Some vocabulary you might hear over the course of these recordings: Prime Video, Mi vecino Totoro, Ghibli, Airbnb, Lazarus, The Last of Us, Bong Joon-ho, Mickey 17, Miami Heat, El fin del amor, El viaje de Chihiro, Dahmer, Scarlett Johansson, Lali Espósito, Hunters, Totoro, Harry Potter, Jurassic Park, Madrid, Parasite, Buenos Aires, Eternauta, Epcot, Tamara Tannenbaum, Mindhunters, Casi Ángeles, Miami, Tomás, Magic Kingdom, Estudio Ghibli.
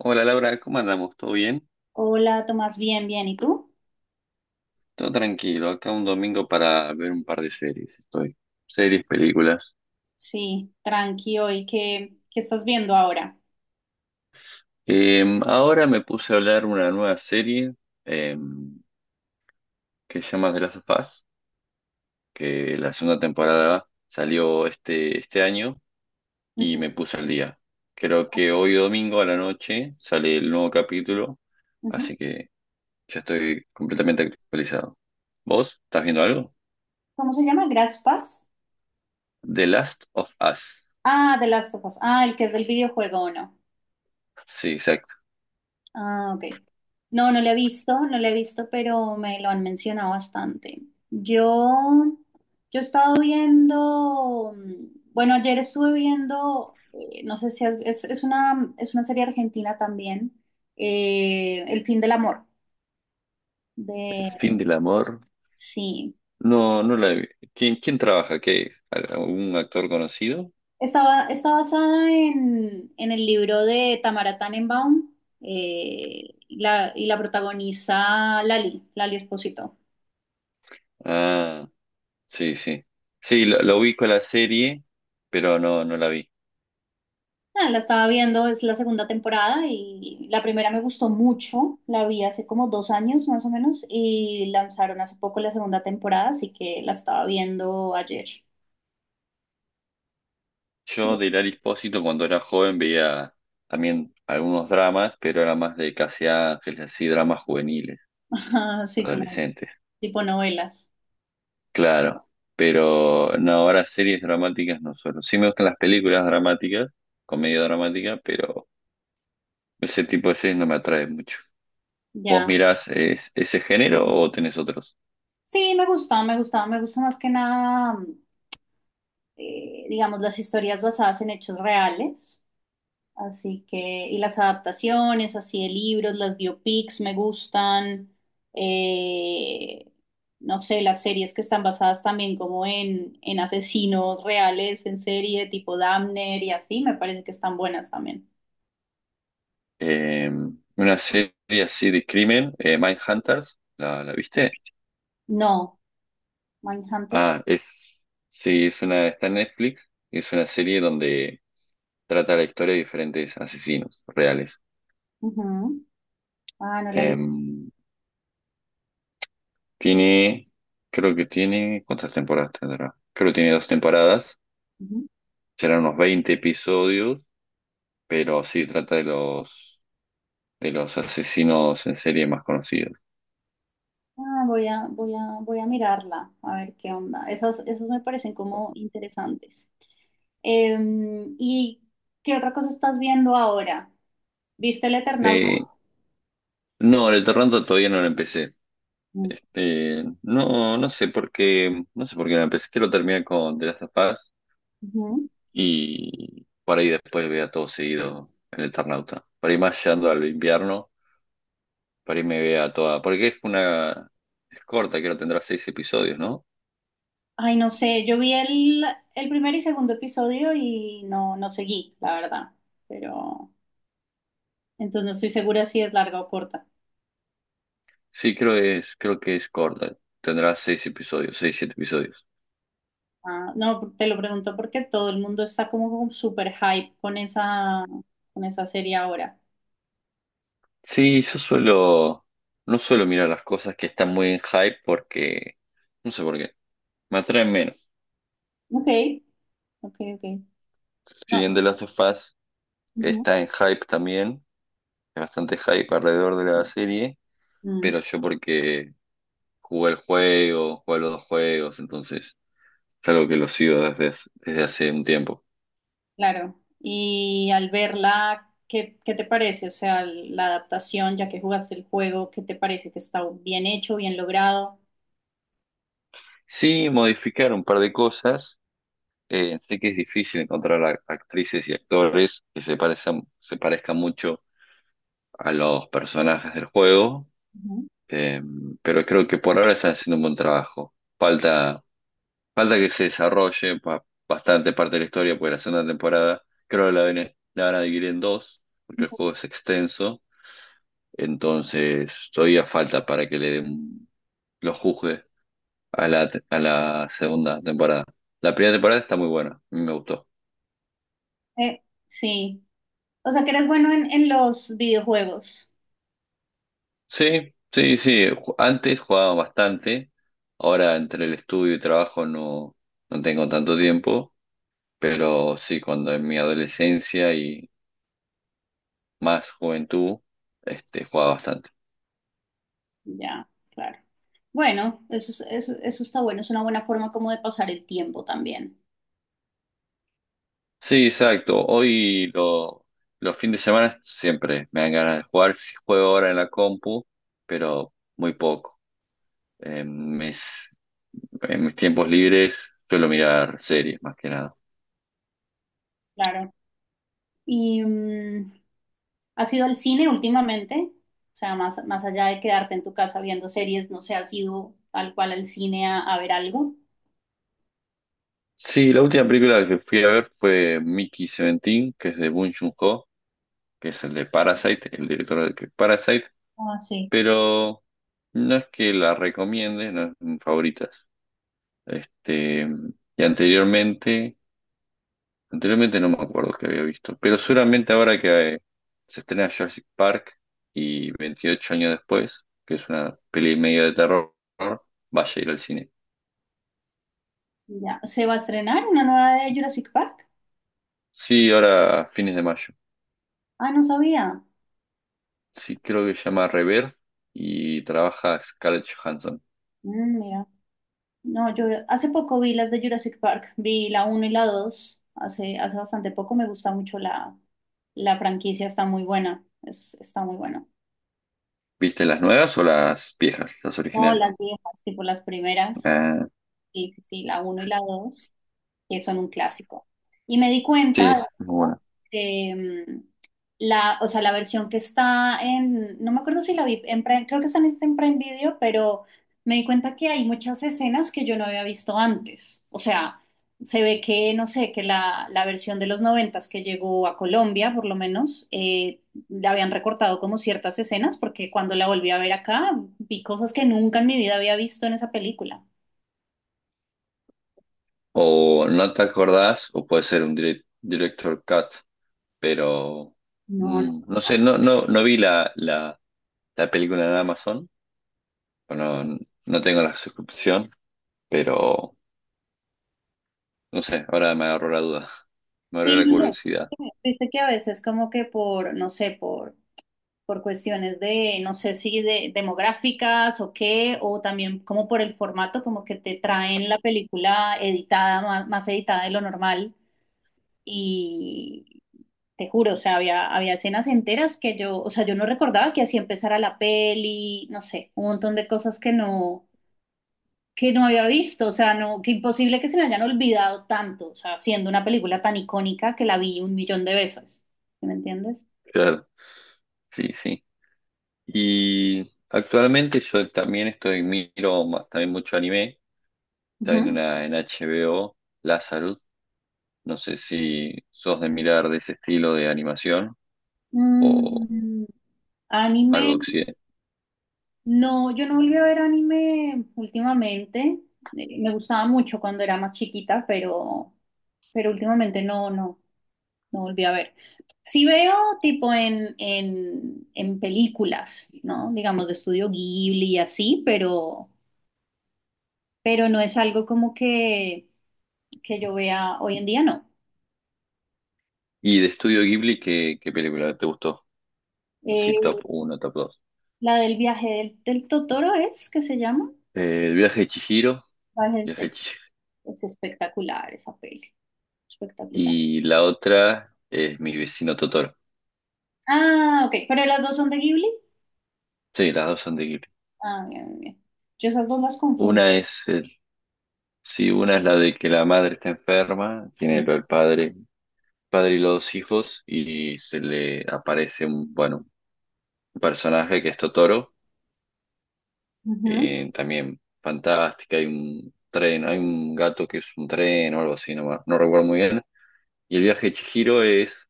Hola, Laura, ¿cómo andamos? ¿Todo bien? Hola, Tomás, bien, bien. ¿Y tú? Todo tranquilo, acá un domingo para ver un par de series, estoy. Series, películas. Sí, tranqui hoy. ¿Qué estás viendo ahora? Ahora me puse a hablar una nueva serie em, que se llama The Last of Us, que la segunda temporada salió este año y Ujú, me puse al día. Creo que hoy domingo a la noche sale el nuevo capítulo, ujú. así que ya estoy completamente actualizado. ¿Vos estás viendo algo? ¿Cómo se llama? ¿Graspas? The Last of Us. Ah, The Last of Us. Ah, el que es del videojuego, ¿o no? Sí, exacto. Ah, ok. No, no lo he visto, no lo he visto, pero me lo han mencionado bastante. Yo, yo he estado viendo, bueno, ayer estuve viendo, no sé si has- es una serie argentina también, El fin del amor, El de, fin del amor. sí. No, no la he vi- ¿Quién trabaja? ¿Qué? ¿Un actor conocido? Está basada en el libro de Tamara Tannenbaum, y la protagoniza Lali Espósito. Ah, sí, sí. Sí, lo ubico la serie, pero no, no la vi. Ah, la estaba viendo, es la segunda temporada y la primera me gustó mucho, la vi hace como dos años más o menos y lanzaron hace poco la segunda temporada, así que la estaba viendo ayer. Yo de Hilary Espósito, cuando era joven, veía también algunos dramas, pero era más de Casi Ángeles, así dramas juveniles, Así como adolescentes. tipo novelas, Claro. Pero no, ahora series dramáticas no suelo. Sí me gustan las películas dramáticas, comedia dramática, pero ese tipo de series no me atrae mucho. ¿Vos ya. mirás es- ese género o tenés otros? Sí, me gusta más que nada, digamos, las historias basadas en hechos reales. Así que, y las adaptaciones, así de libros, las biopics me gustan, eh, no sé, las series que están basadas también como en asesinos reales, en serie tipo Dahmer y así, me parece que están buenas también. Eh, una serie así de crimen, Mindhunters, la viste? No, Mindhunters. Ah, sí, es una, está en Netflix y es una serie donde trata la historia de diferentes asesinos reales. Ujú. Ah, no la he Eh, visto. tiene, creo que tiene, ¿cuántas temporadas tendrá? Creo que tiene dos temporadas, Ujú. serán unos 20 episodios, pero sí trata de de los asesinos en serie más conocidos. Ah, voy a mirarla, a ver qué onda. Esas, esas me parecen como interesantes. ¿Y qué otra cosa estás viendo ahora? ¿Viste el Eternauta? Eh, no, el Toronto todavía no lo empecé. Mm. Este, no, no sé por qué me que lo terminé con The Last of Us Ujú. y para ahí después vea todo seguido el Eternauta. Para ir más llegando al invierno, para ahí me vea toda, porque es una, es corta, creo que tendrá seis episodios, ¿no? Ay, no sé, yo vi el primer y segundo episodio y no, no seguí, la verdad. Pero entonces no estoy segura si es larga o corta. Sí, creo es, creo que es corta, tendrá seis episodios, seis, siete episodios. Ah, no, te lo pregunto porque todo el mundo está como con super hype con esa serie ahora. Sí, no suelo mirar las cosas que están muy en hype porque, no sé por qué, me atraen menos. Ok, ok, ok. Si bien No. The Last of Us Ujú. está en hype también. Hay bastante hype alrededor de la serie, Mm, pero yo porque jugué el juego, jugué los dos juegos, entonces es algo que lo sigo desde hace un tiempo. claro. Y al verla, ¿qué te parece? O sea, la adaptación, ya que jugaste el juego, ¿qué te parece? ¿Que está bien hecho, bien logrado? Sí, modificar un par de cosas. Sé que es difícil encontrar a- actrices y actores que se parezcan mucho a los personajes del juego, Ujú. eh, pero creo que por ahora están haciendo un buen trabajo. Falta que se desarrolle pa- bastante parte de la historia, porque la segunda temporada creo que la van a dividir en dos, porque el juego es extenso. Entonces, todavía falta para que le den los juzgue a a la segunda temporada. La primera temporada está muy buena, a mí me gustó. Sí, o sea que eres bueno en los videojuegos. Sí, sí, sí. ju- Antes jugaba bastante, ahora entre el estudio y trabajo no, no tengo tanto tiempo, pero sí, cuando en mi adolescencia y más juventud, este, jugaba bastante. Ya, claro. Bueno, eso, eso está bueno, es una buena forma como de pasar el tiempo también. Sí, exacto. Los fines de semana siempre me dan ganas de jugar. Sí juego ahora en la compu, pero muy poco. En mis, en mis tiempos libres suelo mirar series más que nada. Claro. ¿Y has ido al cine últimamente? O sea, más, más allá de quedarte en tu casa viendo series, no sé, ¿has ido tal cual al cine a ver algo? Sí, la última película que fui a ver fue Mickey 17, que es de Bong Joon-ho, que es el de Parasite, el director de Parasite, Ah, sí. pero no es que la recomiende, no es de mis favoritas. Este, y anteriormente anteriormente no me acuerdo que había visto, pero seguramente ahora que se estrena Jurassic Park y 28 años después, que es una peli medio de terror, vaya a ir al cine. Ya, ¿se va a estrenar una nueva de Jurassic Park? Sí, ahora a fines de mayo. Ah, no sabía. Sí, creo que se llama Rever y trabaja Scarlett Johansson. Mm, mira. No, yo hace poco vi las de Jurassic Park, vi la uno y la 2 hace, hace bastante poco, me gusta mucho la, la franquicia, está muy buena. ¿Viste las nuevas o las viejas, las No, las originales? viejas, tipo las primeras, Ah, sí, sí, sí, la uno y la dos, que son un clásico. Y me di sí, cuenta de es muy esto, buena. que mm, o sea, la versión que está en, no me acuerdo si la vi, en creo que está en, está en Prime Video, pero me di cuenta que hay muchas escenas que yo no había visto antes. O sea, se ve que, no sé, que la versión de los noventas que llegó a Colombia, por lo menos, le habían recortado como ciertas escenas, porque cuando la volví a ver acá, vi cosas que nunca en mi vida había visto en esa película. O no te acordás, o puede ser un direct- director cut, pero No. No sé, no, no, no vi la la película en Amazon. Bueno, no tengo la suscripción, pero no sé, ahora me agarró la duda. Me abrió Sí, la no curiosidad. sé, viste que a veces como que por, no sé, por cuestiones de, no sé si de demográficas o qué, o también como por el formato, como que te traen la película editada, más, más editada de lo normal, y te juro, o sea, había, había escenas enteras que yo, o sea, yo no recordaba que así empezara la peli, no sé, un montón de cosas que que no había visto, o sea, no, que imposible que se me hayan olvidado tanto, o sea, siendo una película tan icónica que la vi un millón de veces, ¿sí? ¿Me entiendes? Claro, sí, sí. Y actualmente yo también estoy, miro ma- también mucho anime. Está en Ujú. una en HBO, Lazarus. No sé si sos de mirar de ese estilo de animación o Mm, anime, algo de occidente. no, yo no volví a ver anime últimamente. Me gustaba mucho cuando era más chiquita, pero últimamente no volví a ver. Sí veo tipo en, en películas, ¿no? Digamos de estudio Ghibli y así, pero no es algo como que yo vea hoy en día, no. Y de Estudio Ghibli, ¿qué película te gustó? Eh, Así top uno, top dos. la del viaje del Totoro es que se llama. El viaje de Chihiro. Viaje Viaje del- de Chihiro, Es espectacular esa peli, espectacular. y la otra es Mi vecino Totoro. Ah, ok, pero las dos son de Ghibli. Sí, las dos son de Ghibli. Ah, bien, bien, bien. Yo esas dos las confundo. Una es el, sí, una es la de que la madre está enferma, tiene lo del padre, padre y los dos hijos, y se le aparece un, bueno, un personaje que es Totoro, Ujú. También fantástica, hay un tren, hay un gato que es un tren o algo así, no, me- no recuerdo muy bien. Y el viaje de Chihiro es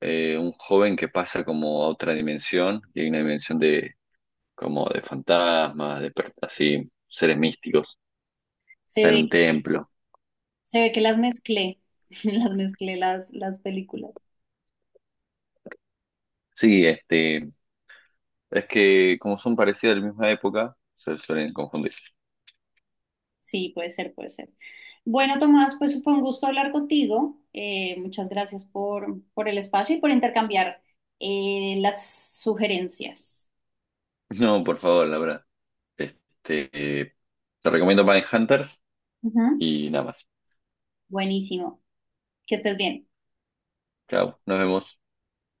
un joven que pasa como a otra dimensión, y hay una dimensión de como de fantasmas, de per- así, seres místicos. Se Está en un ve, templo. se ve que las mezclé, las mezclé las películas. Sí, este, es que como son parecidos de la misma época, se suelen confundir. Sí, puede ser, puede ser. Bueno, Tomás, pues fue un gusto hablar contigo. Muchas gracias por el espacio y por intercambiar las sugerencias. No, por favor, la verdad. Este, te recomiendo Hunters Ujú, y nada más. buenísimo. Que estés bien. Chao, nos vemos.